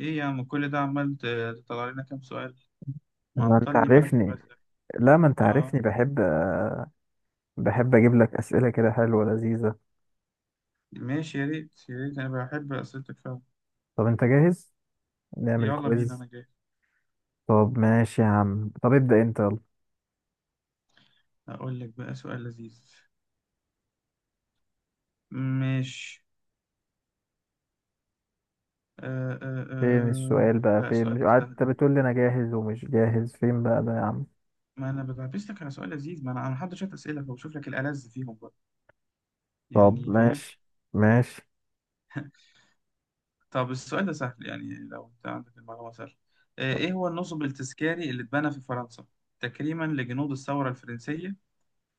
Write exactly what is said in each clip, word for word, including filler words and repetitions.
ايه يا عم، كل ده عمال ت- تطلع لنا كام سؤال؟ ما انت معطلني بالك بس. عارفني لا ما انت اه، عارفني، بحب بحب اجيب لك اسئله كده حلوه لذيذه. ماشي، يا ريت يا ريت، انا بحب اسئلتك فعلا. طب انت جاهز؟ نعمل يلا بينا، كويز؟ انا جاي. طب ماشي يا عم، طب ابدا انت، يلا. اقول لك بقى سؤال لذيذ. ماشي. آه آه فين آه. السؤال بقى، لا، فين؟ مش السؤال ده سهل قعدت ده. بتقول لي انا جاهز ومش جاهز؟ فين بقى ده يا عم؟ ما انا بلبس لك على سؤال لذيذ، ما انا انا محضر شويه اسئله، فبشوف لك الالذ فيهم بقى، طب يعني فاهم. ماشي، ماشي. طب السؤال ده سهل، يعني لو انت عندك المعلومه سهل. آه ايه هو النصب التذكاري اللي اتبنى في فرنسا تكريما لجنود الثوره الفرنسيه،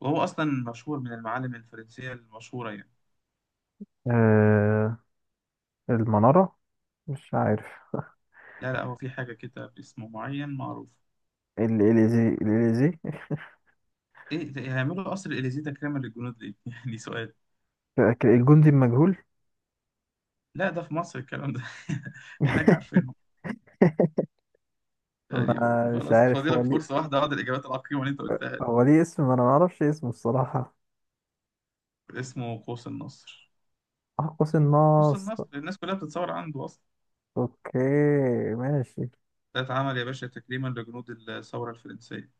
وهو أصلا مشهور من المعالم الفرنسية المشهورة يعني. آه، المناره، مش عارف. لا لا، هو في حاجة كده باسمه معين معروف. الاليزي، الاليزي. إيه ده- هيعملوا قصر الإليزيه تكريما للجنود ليه؟ يعني سؤال. فاكر الجندي المجهول؟ لا ده في مصر الكلام ده. هناك عارفينهم يعني. ما مش خلاص، عارف هو فاضلك فرصة ليه. واحدة بعد الإجابات العقيمة اللي أنت قلتها دي. هو ليه اسم؟ ما انا ما اعرفش اسمه الصراحه. اسمه قوس النصر. قوس قوس النصر. النصر، الناس كلها بتتصور عنده أصلا. اوكي، ماشي. ده اتعمل يا باشا تكريما لجنود الثورة الفرنسية.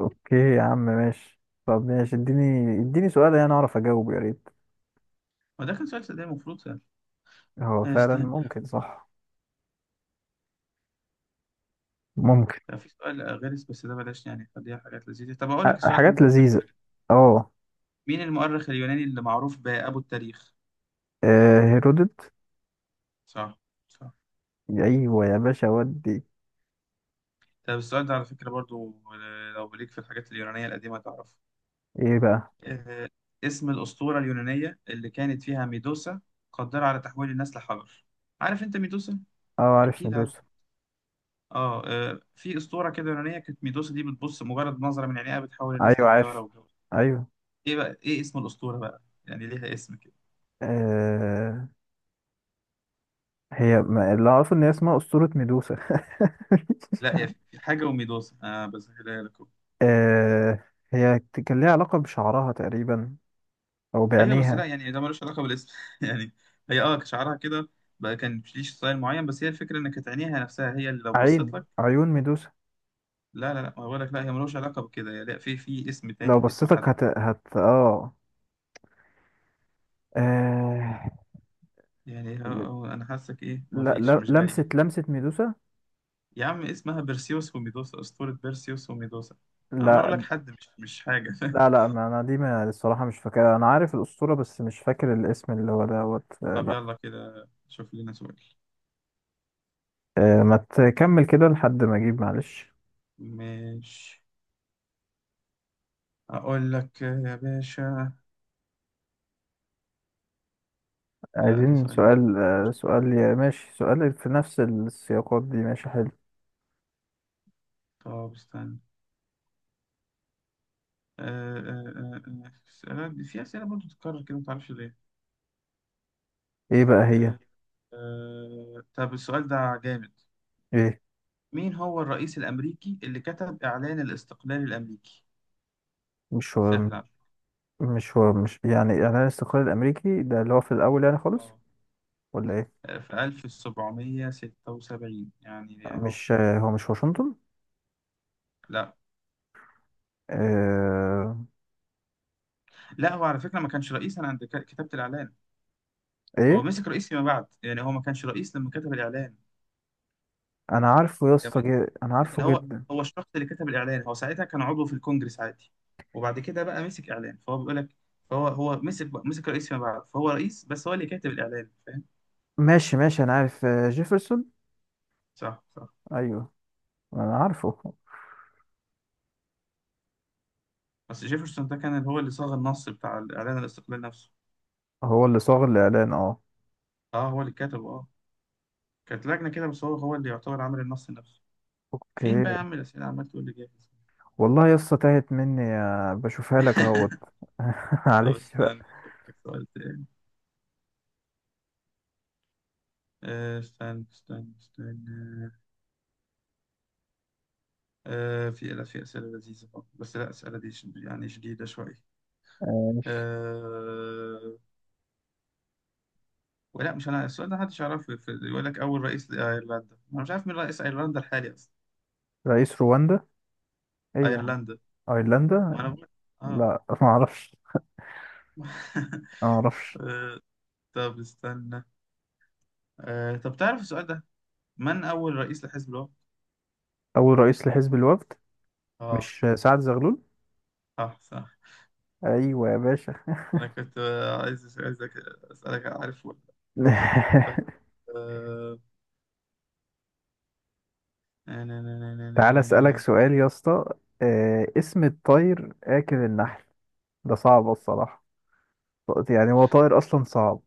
اوكي يا عم، ماشي. طب ماشي، اديني اديني سؤال انا اعرف اجاوبه يا ريت. ما ده كان سؤال صدق، المفروض سهل. هو فعلا استنى. ممكن، صح. ممكن. لا، في سؤال غير بس ده بلاش، يعني خليها حاجات لذيذة. طب أقول لك أ- السؤال ده حاجات أنت بتحبه. لذيذة. اه. مين المؤرخ اليوناني اللي معروف بأبو التاريخ؟ آه، هيرودوت. صح صح. ايوه يا باشا، ودي. طب السؤال ده على فكرة برضو، آه، لو ليك في الحاجات اليونانية القديمة تعرفه. ايه بقى؟ آه، اسم الأسطورة اليونانية اللي كانت فيها ميدوسا قدرة على تحويل الناس لحجر. عارف أنت ميدوسا؟ اه، عارف، أكيد عارف. ندوس. آه آه، في أسطورة كده يونانية، كانت ميدوسا دي بتبص مجرد نظرة من عينيها بتحول الناس ايوه، لحجارة عارف، وجو. ايوه. إيه بقى، إيه اسم الأسطورة بقى؟ يعني ليها اسم كده. آه، هي، ما اللي اعرفه ان هي اسمها اسطورة ميدوسا. لا هي في حاجة وميدوسا، آه بسهلها لك. آه، هي كان ليها علاقة بشعرها تقريبا، او ايوه بس لا، بعينيها. يعني ده ملوش علاقه بالاسم يعني. هي اه شعرها كده بقى كان ليش ستايل معين، بس هي الفكره ان كانت عينيها نفسها هي اللي لو بصيت عين لك. عيون ميدوسا. لا لا لا، ما بقول لك لا، هي ملوش علاقه بكده يعني. لا، في في اسم لو تاني، اسم بصيتك، حد هت هت اه آه، يعني. اه، ي- آه، انا حاسك ايه، ما لا، فيش، لا، مش جاي. لمسة لمسة ميدوسا. يا عم اسمها بيرسيوس وميدوسا، اسطوره بيرسيوس وميدوسا. أنا عمال اقول لا، لك حد، مش مش حاجه لا، لا، ما انا دي، ما الصراحة مش فاكرها، انا عارف الأسطورة بس مش فاكر الاسم اللي هو دوت، آه، طب لا. يلا كده شوف لنا سؤال. آه، ما تكمل كده لحد ما اجيب، معلش. مش، اقول لك يا باشا. لا ده عايزين سؤال. سؤال آه، سؤال، يا ماشي، سؤال في نفس السياقات دي، ماشي، حلو. طب استنى. آه، آه، آه، آه، أسئلة- في أسئلة برضه بتتكرر كده، متعرفش ليه. ايه بقى هي؟ آه، آه، طب السؤال ده جامد. ايه؟ مين هو الرئيس الأمريكي اللي كتب إعلان الاستقلال الأمريكي؟ مش هو سهل على فكرة. مش هو مش يعني اعلان الاستقلال الامريكي ده اللي هو في الاول يعني، خالص؟ اه، ولا ايه؟ آه، في ألف وسبعمائة وستة وسبعين يعني أهو. مش آه، هو مش واشنطن؟ لا آه، لا، هو على فكرة ما كانش رئيس أنا عند ك- كتابة الإعلان. هو ايه؟ مسك رئيس فيما بعد، يعني هو ما كانش رئيس لما كتب الإعلان. انا عارفه يا اسطى، جد- انا لكن عارفه هو، جدا. هو الشخص اللي كتب الاعلان، هو ساعتها كان عضو في الكونجرس عادي، وبعد كده بقى مسك اعلان فهو بيقول لك. فهو هو مسك مسك رئيس فيما بعد، فهو رئيس، بس هو اللي كاتب الاعلان، فاهم. ماشي، ماشي، انا عارف، آه، جيفرسون. صح صح. ايوه، انا عارفه. بس جيفرسون ده كان هو اللي صاغ النص بتاع الاعلان الاستقلال نفسه. هو اللي صاغ الاعلان، اه. اه هو اللي كتبه اه. كانت لجنه كده، بس هو هو اللي يعتبر عامل النص نفسه. فين بقى اوكي. يا عم الاسئله، عمال تقول لي جاهز. والله يا اسطى تاهت مني، آه، بشوفها لك اهوت. طب معلش بقى. استنى اشوف لك سؤال تاني. آه، استنى استنى استنى. آه، في، لا في اسئله لذيذه برضه. بس لا، اسئله دي شد- يعني شديده شويه. آه، أه... ولا مش، انا السؤال ده محدش يعرفه، في- يقول لك اول رئيس لايرلندا، انا مش عارف مين رئيس ايرلندا الحالي اصلا. رئيس رواندا؟ ايه يا عم؟ ايرلندا، ايرلندا. ما انا بقول. اه لا. ما اعرفش، ما اعرفش. طب استنى. أه... طب تعرف السؤال ده، من اول رئيس لحزب الوقت. اول رئيس لحزب الوفد، اه مش آه، سعد زغلول؟ صح صح. ايوه يا باشا. انا كنت آه، عايز أس- عايزك اسالك عارف ولا لأ. طيب. أه... نا- نا- نا- نا- نا- تعال نا- نا- نا. اسالك سؤال يا اسطى. آه، اسم الطير اكل النحل؟ ده صعب الصراحه. يعني هو طائر اصلا صعب.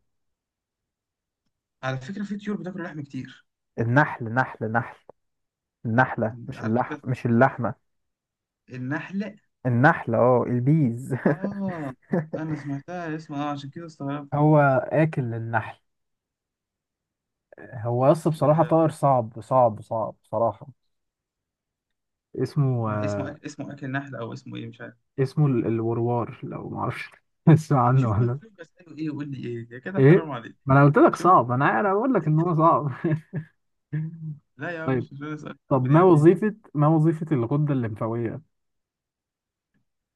على فكره في طيور بتاكل لحم كتير. النحل، نحل نحل، النحله، مش على اللح فكره مش اللحمه. النحله. النحله، اه، البيز. اه انا سمعتها اسمها اه، عشان كده استغربت. هو اكل النحل. هو يس، بصراحة طائر آه، صعب، صعب، صعب، بصراحة. اسمه ما اسمه، آه اسمه اكل نحل او اسمه ايه مش عارف. اسمه ال- الوروار، لو معرفش. اسمع عنه شوف ولا مخلوق اساله ايه ويقول لي ايه، يا كده ايه؟ حرام عليك. ما انا قلت لك شوف. صعب، انا انا بقول لك ان هو صعب. لا يا عم، طيب. مش مش اسال طب، بني ما ادمين. وظيفة ما وظيفة الغدة الليمفاوية؟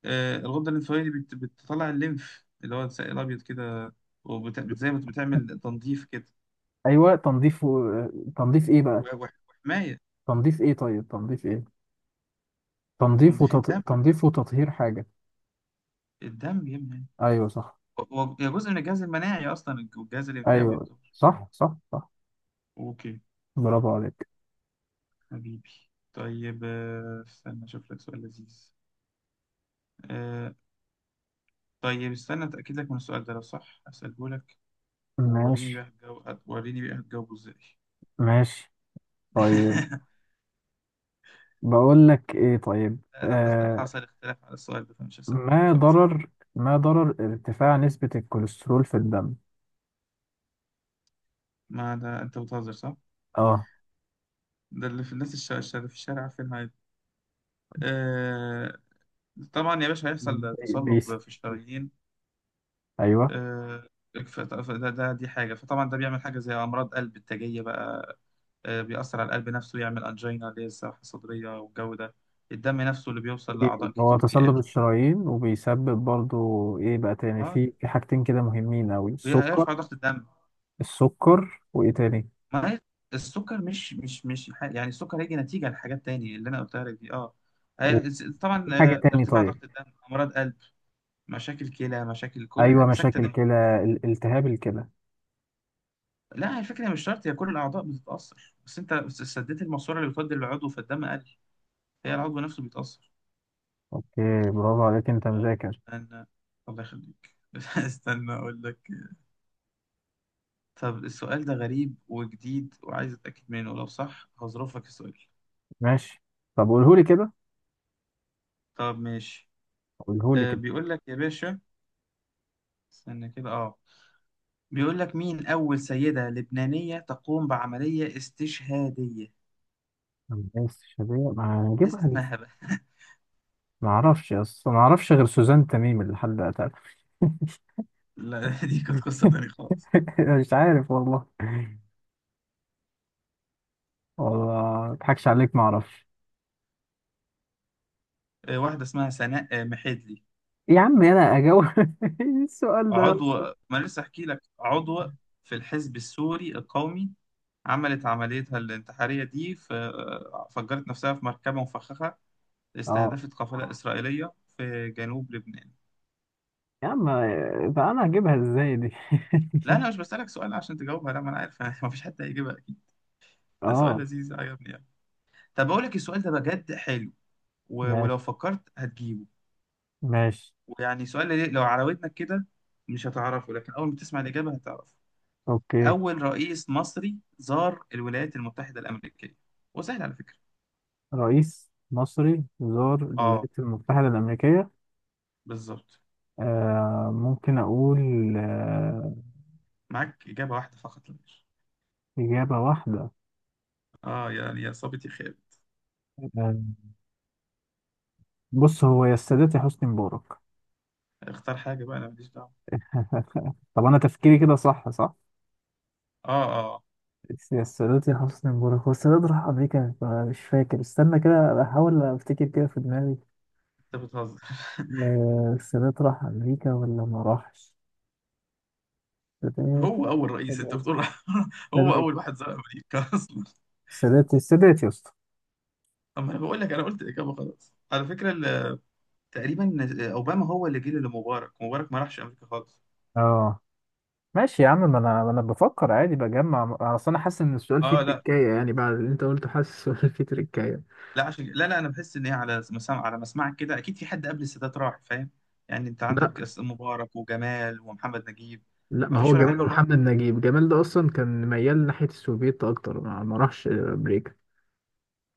آه الغده الانسوليه بت... بتطلع الليمف اللي هو السائل الابيض كده، وبت... بت- زي ما بتعمل تنظيف كده. ايوه، تنظيف و- تنظيف ايه بقى؟ و- وح- وحمايه. تنظيف ايه؟ طيب، تنظيف ايه؟ تنظيف تنظيف وتط... الدم. تنظيف وتطهير حاجة. الدم يا ابني. أيوه، صح. هو هو- هي جزء من الجهاز المناعي اصلا، والجهاز الليمفاوي أيوه، يعتبر. صح، صح، صح. اوكي. برافو عليك. حبيبي. طيب، آه، استنى اشوف لك سؤال لذيذ. آه، طيب استنى اتاكد لك من السؤال ده، لو صح هساله لك. ووريني ماشي، بقى هتجاوب، هت- وريني بقى هتجاوبه ازاي. ماشي، طيب. بقول لك إيه؟ طيب. لا ده حصل، آه. حصل اختلاف على السؤال ده فمش هسأله. ما خلاص حصل. ضرر ما ضرر ارتفاع نسبة الكوليسترول في الدم؟ ما ده انت بتهزر صح؟ اه، ده اللي في الناس الش- الش- اللي في الشارع عارفينها عادي. آه... طبعا يا باشا هيحصل بي- تصلب بيس. في الشرايين. أيوه. آه... ف- ف- ده, ده دي حاجة، فطبعا ده بيعمل حاجة زي أمراض قلب التاجية بقى. آه... بيأثر على القلب نفسه، يعمل أنجينا اللي هي الساحة الصدرية والجو ده. الدم نفسه اللي بيوصل لأعضاء هو كتير بيقل. تصلب الشرايين، وبيسبب برضو إيه بقى تاني؟ اه في في حاجتين كده مهمين أوي، السكر. بيرفع ضغط الدم. السكر وإيه تاني؟ ما هي السكر، مش مش مش ح- يعني السكر هيجي نتيجة لحاجات تانية اللي أنا قلتها لك دي أه. وفي هي- س- طبعا حاجة آه، تاني؟ ارتفاع طيب. ضغط الدم، أمراض قلب، مشاكل كلى، مشاكل كل أيوه، حاجة، سكتة مشاكل دم. كلى، ال- التهاب الكلى. لا الفكرة مش شرط، هي كل الأعضاء بتتأثر، بس أنت بس سديت الماسورة اللي بتودي للعضو فالدم قل، هي العضو نفسه بيتأثر. اوكي. برافو عليك، انت آه، مذاكر. أنا، الله يخليك استنى أقول لك. طب السؤال ده غريب وجديد وعايز أتأكد منه، لو صح هظرفك السؤال. ماشي. طب قولهولي كده، طب ماشي. قولهولي آه، كده. بيقول لك يا باشا، استنى كده أه. بيقول لك مين أول سيدة لبنانية تقوم بعملية استشهادية. الناس شبيه، ما ناس هنجيبها لسه. اسمها بقى ما اعرفش اصلا، ما اعرفش غير سوزان تميم اللي حد قتلها. لا دي كانت قصة تانية خالص. مش عارف والله. والله ما اضحكش عليك، ما اعرفش. آه، واحدة اسمها سناء آه، محدلي. يا عم انا اجاوب. إيه السؤال ده يا عضو، اسطى؟ ما أنا لسه أحكي لك، عضو في الحزب السوري القومي، عملت عمليتها الانتحارية دي في، آه، فجرت نفسها في مركبة مفخخة اه. استهدفت قافلة إسرائيلية في جنوب لبنان. يا عم، بقى انا هجيبها ازاي دي؟ لا أنا مش بسألك سؤال عشان تجاوبها، لا ما أنا عارف ما فيش حد هيجيبها أكيد. ده سؤال اه، لذيذ عجبني يعني. طب بقول لك السؤال ده بجد حلو، و- ماشي، ولو فكرت هتجيبه. ماشي، ويعني سؤال ليه- لو عراودنك كده مش هتعرفه، لكن أول ما تسمع الإجابة هتعرفه. اوكي. أول رئيس مصري زار الولايات المتحدة الأمريكية، وسهل على فكرة. رئيس مصري زار آه الولايات المتحدة الأمريكية؟ بالظبط. آه، ممكن أقول. آه. معاك إجابة واحدة فقط لا غير. إجابة واحدة؟ آه يعني يا صابت يا خالد. آه، بص، هو يا السادات يا حسني مبارك. اختار حاجة بقى، أنا ماليش دعوة. طب أنا تفكيري كده، صح؟ صح؟ آه آه. يا السادات يا حسني مبارك. هو السادات راح أمريكا؟ مش فاكر، استنى كده أحاول أفتكر كده في دماغي. أنت بتهزر آه، السادات راح أمريكا ولا ما راحش؟ السادات. هو أول رئيس أنت السادات. بتقول هو السادات. أول واحد زار أمريكا أصلا. السادات. السادات يا اسطى. أما أنا بقول لك، أنا قلت الإجابة خلاص على فكرة ال- تقريبا اوباما هو اللي جه لمبارك، مبارك ما راحش امريكا خالص. اه، ماشي يا عم، ما انا ما انا بفكر عادي، بجمع. اصل انا حاسس ان السؤال فيه اه لا، تريكايه، يعني بعد اللي انت قلته حاسس السؤال فيه تريكايه. لا عشان لا لا انا بحس ان هي على مسام على مسمعك كده، اكيد في حد قبل السادات راح، فاهم. يعني انت عندك لا، أس- مبارك وجمال ومحمد نجيب. لا. ما ما فيش هو ولا حد جمال منهم راح، ومحمد نجيب، جمال ده اصلا كان ميال ناحيه السوفيت اكتر، ما ما راحش امريكا.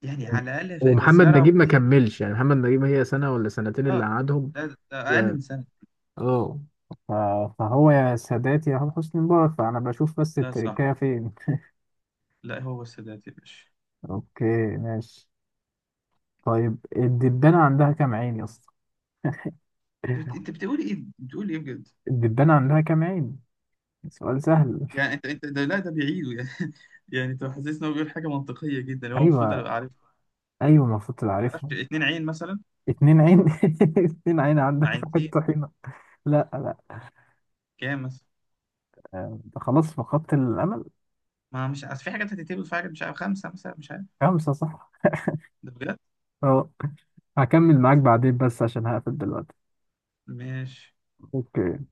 يعني و- على الاقل في- ومحمد كزياره نجيب ما وديه. كملش، يعني محمد نجيب، هي سنه ولا سنتين اللي اه قعدهم. لا ده ده و اقل من سنه. اه ف- فهو يا سادات يا حسني مبارك، فأنا بشوف بس لا صح. التركية فين. لا هو السادات يا باشا. أوكي، ماشي. طيب، الدبانة عندها كام عين يا اسطى؟ انت بت- أنت بتقول ايه، بتقول ايه بجد. الدبانة عندها كام عين؟ سؤال سهل. يعني انت انت ده لا ده بيعيده يعني يعني انت حاسس ان هو بيقول حاجه منطقيه جدا، هو المفروض أيوة، ابقى عارفها. أيوة، المفروض تبقى ما اعرفش، عارفها. اتنين عين مثلا. اتنين عين؟ اتنين عين؟ عندك واحد عينتين. طحينة. لا، لا، كام مثلا. أنت خلاص فقدت الأمل. ما مش عارف، في حاجات هتتقبل، في حاجات مش عارف، خمسه مثلا مش عارف. خمسة، صح. ده بجد. أه. هكمل معاك بعدين بس عشان هقفل دلوقتي. ماشي أوكي.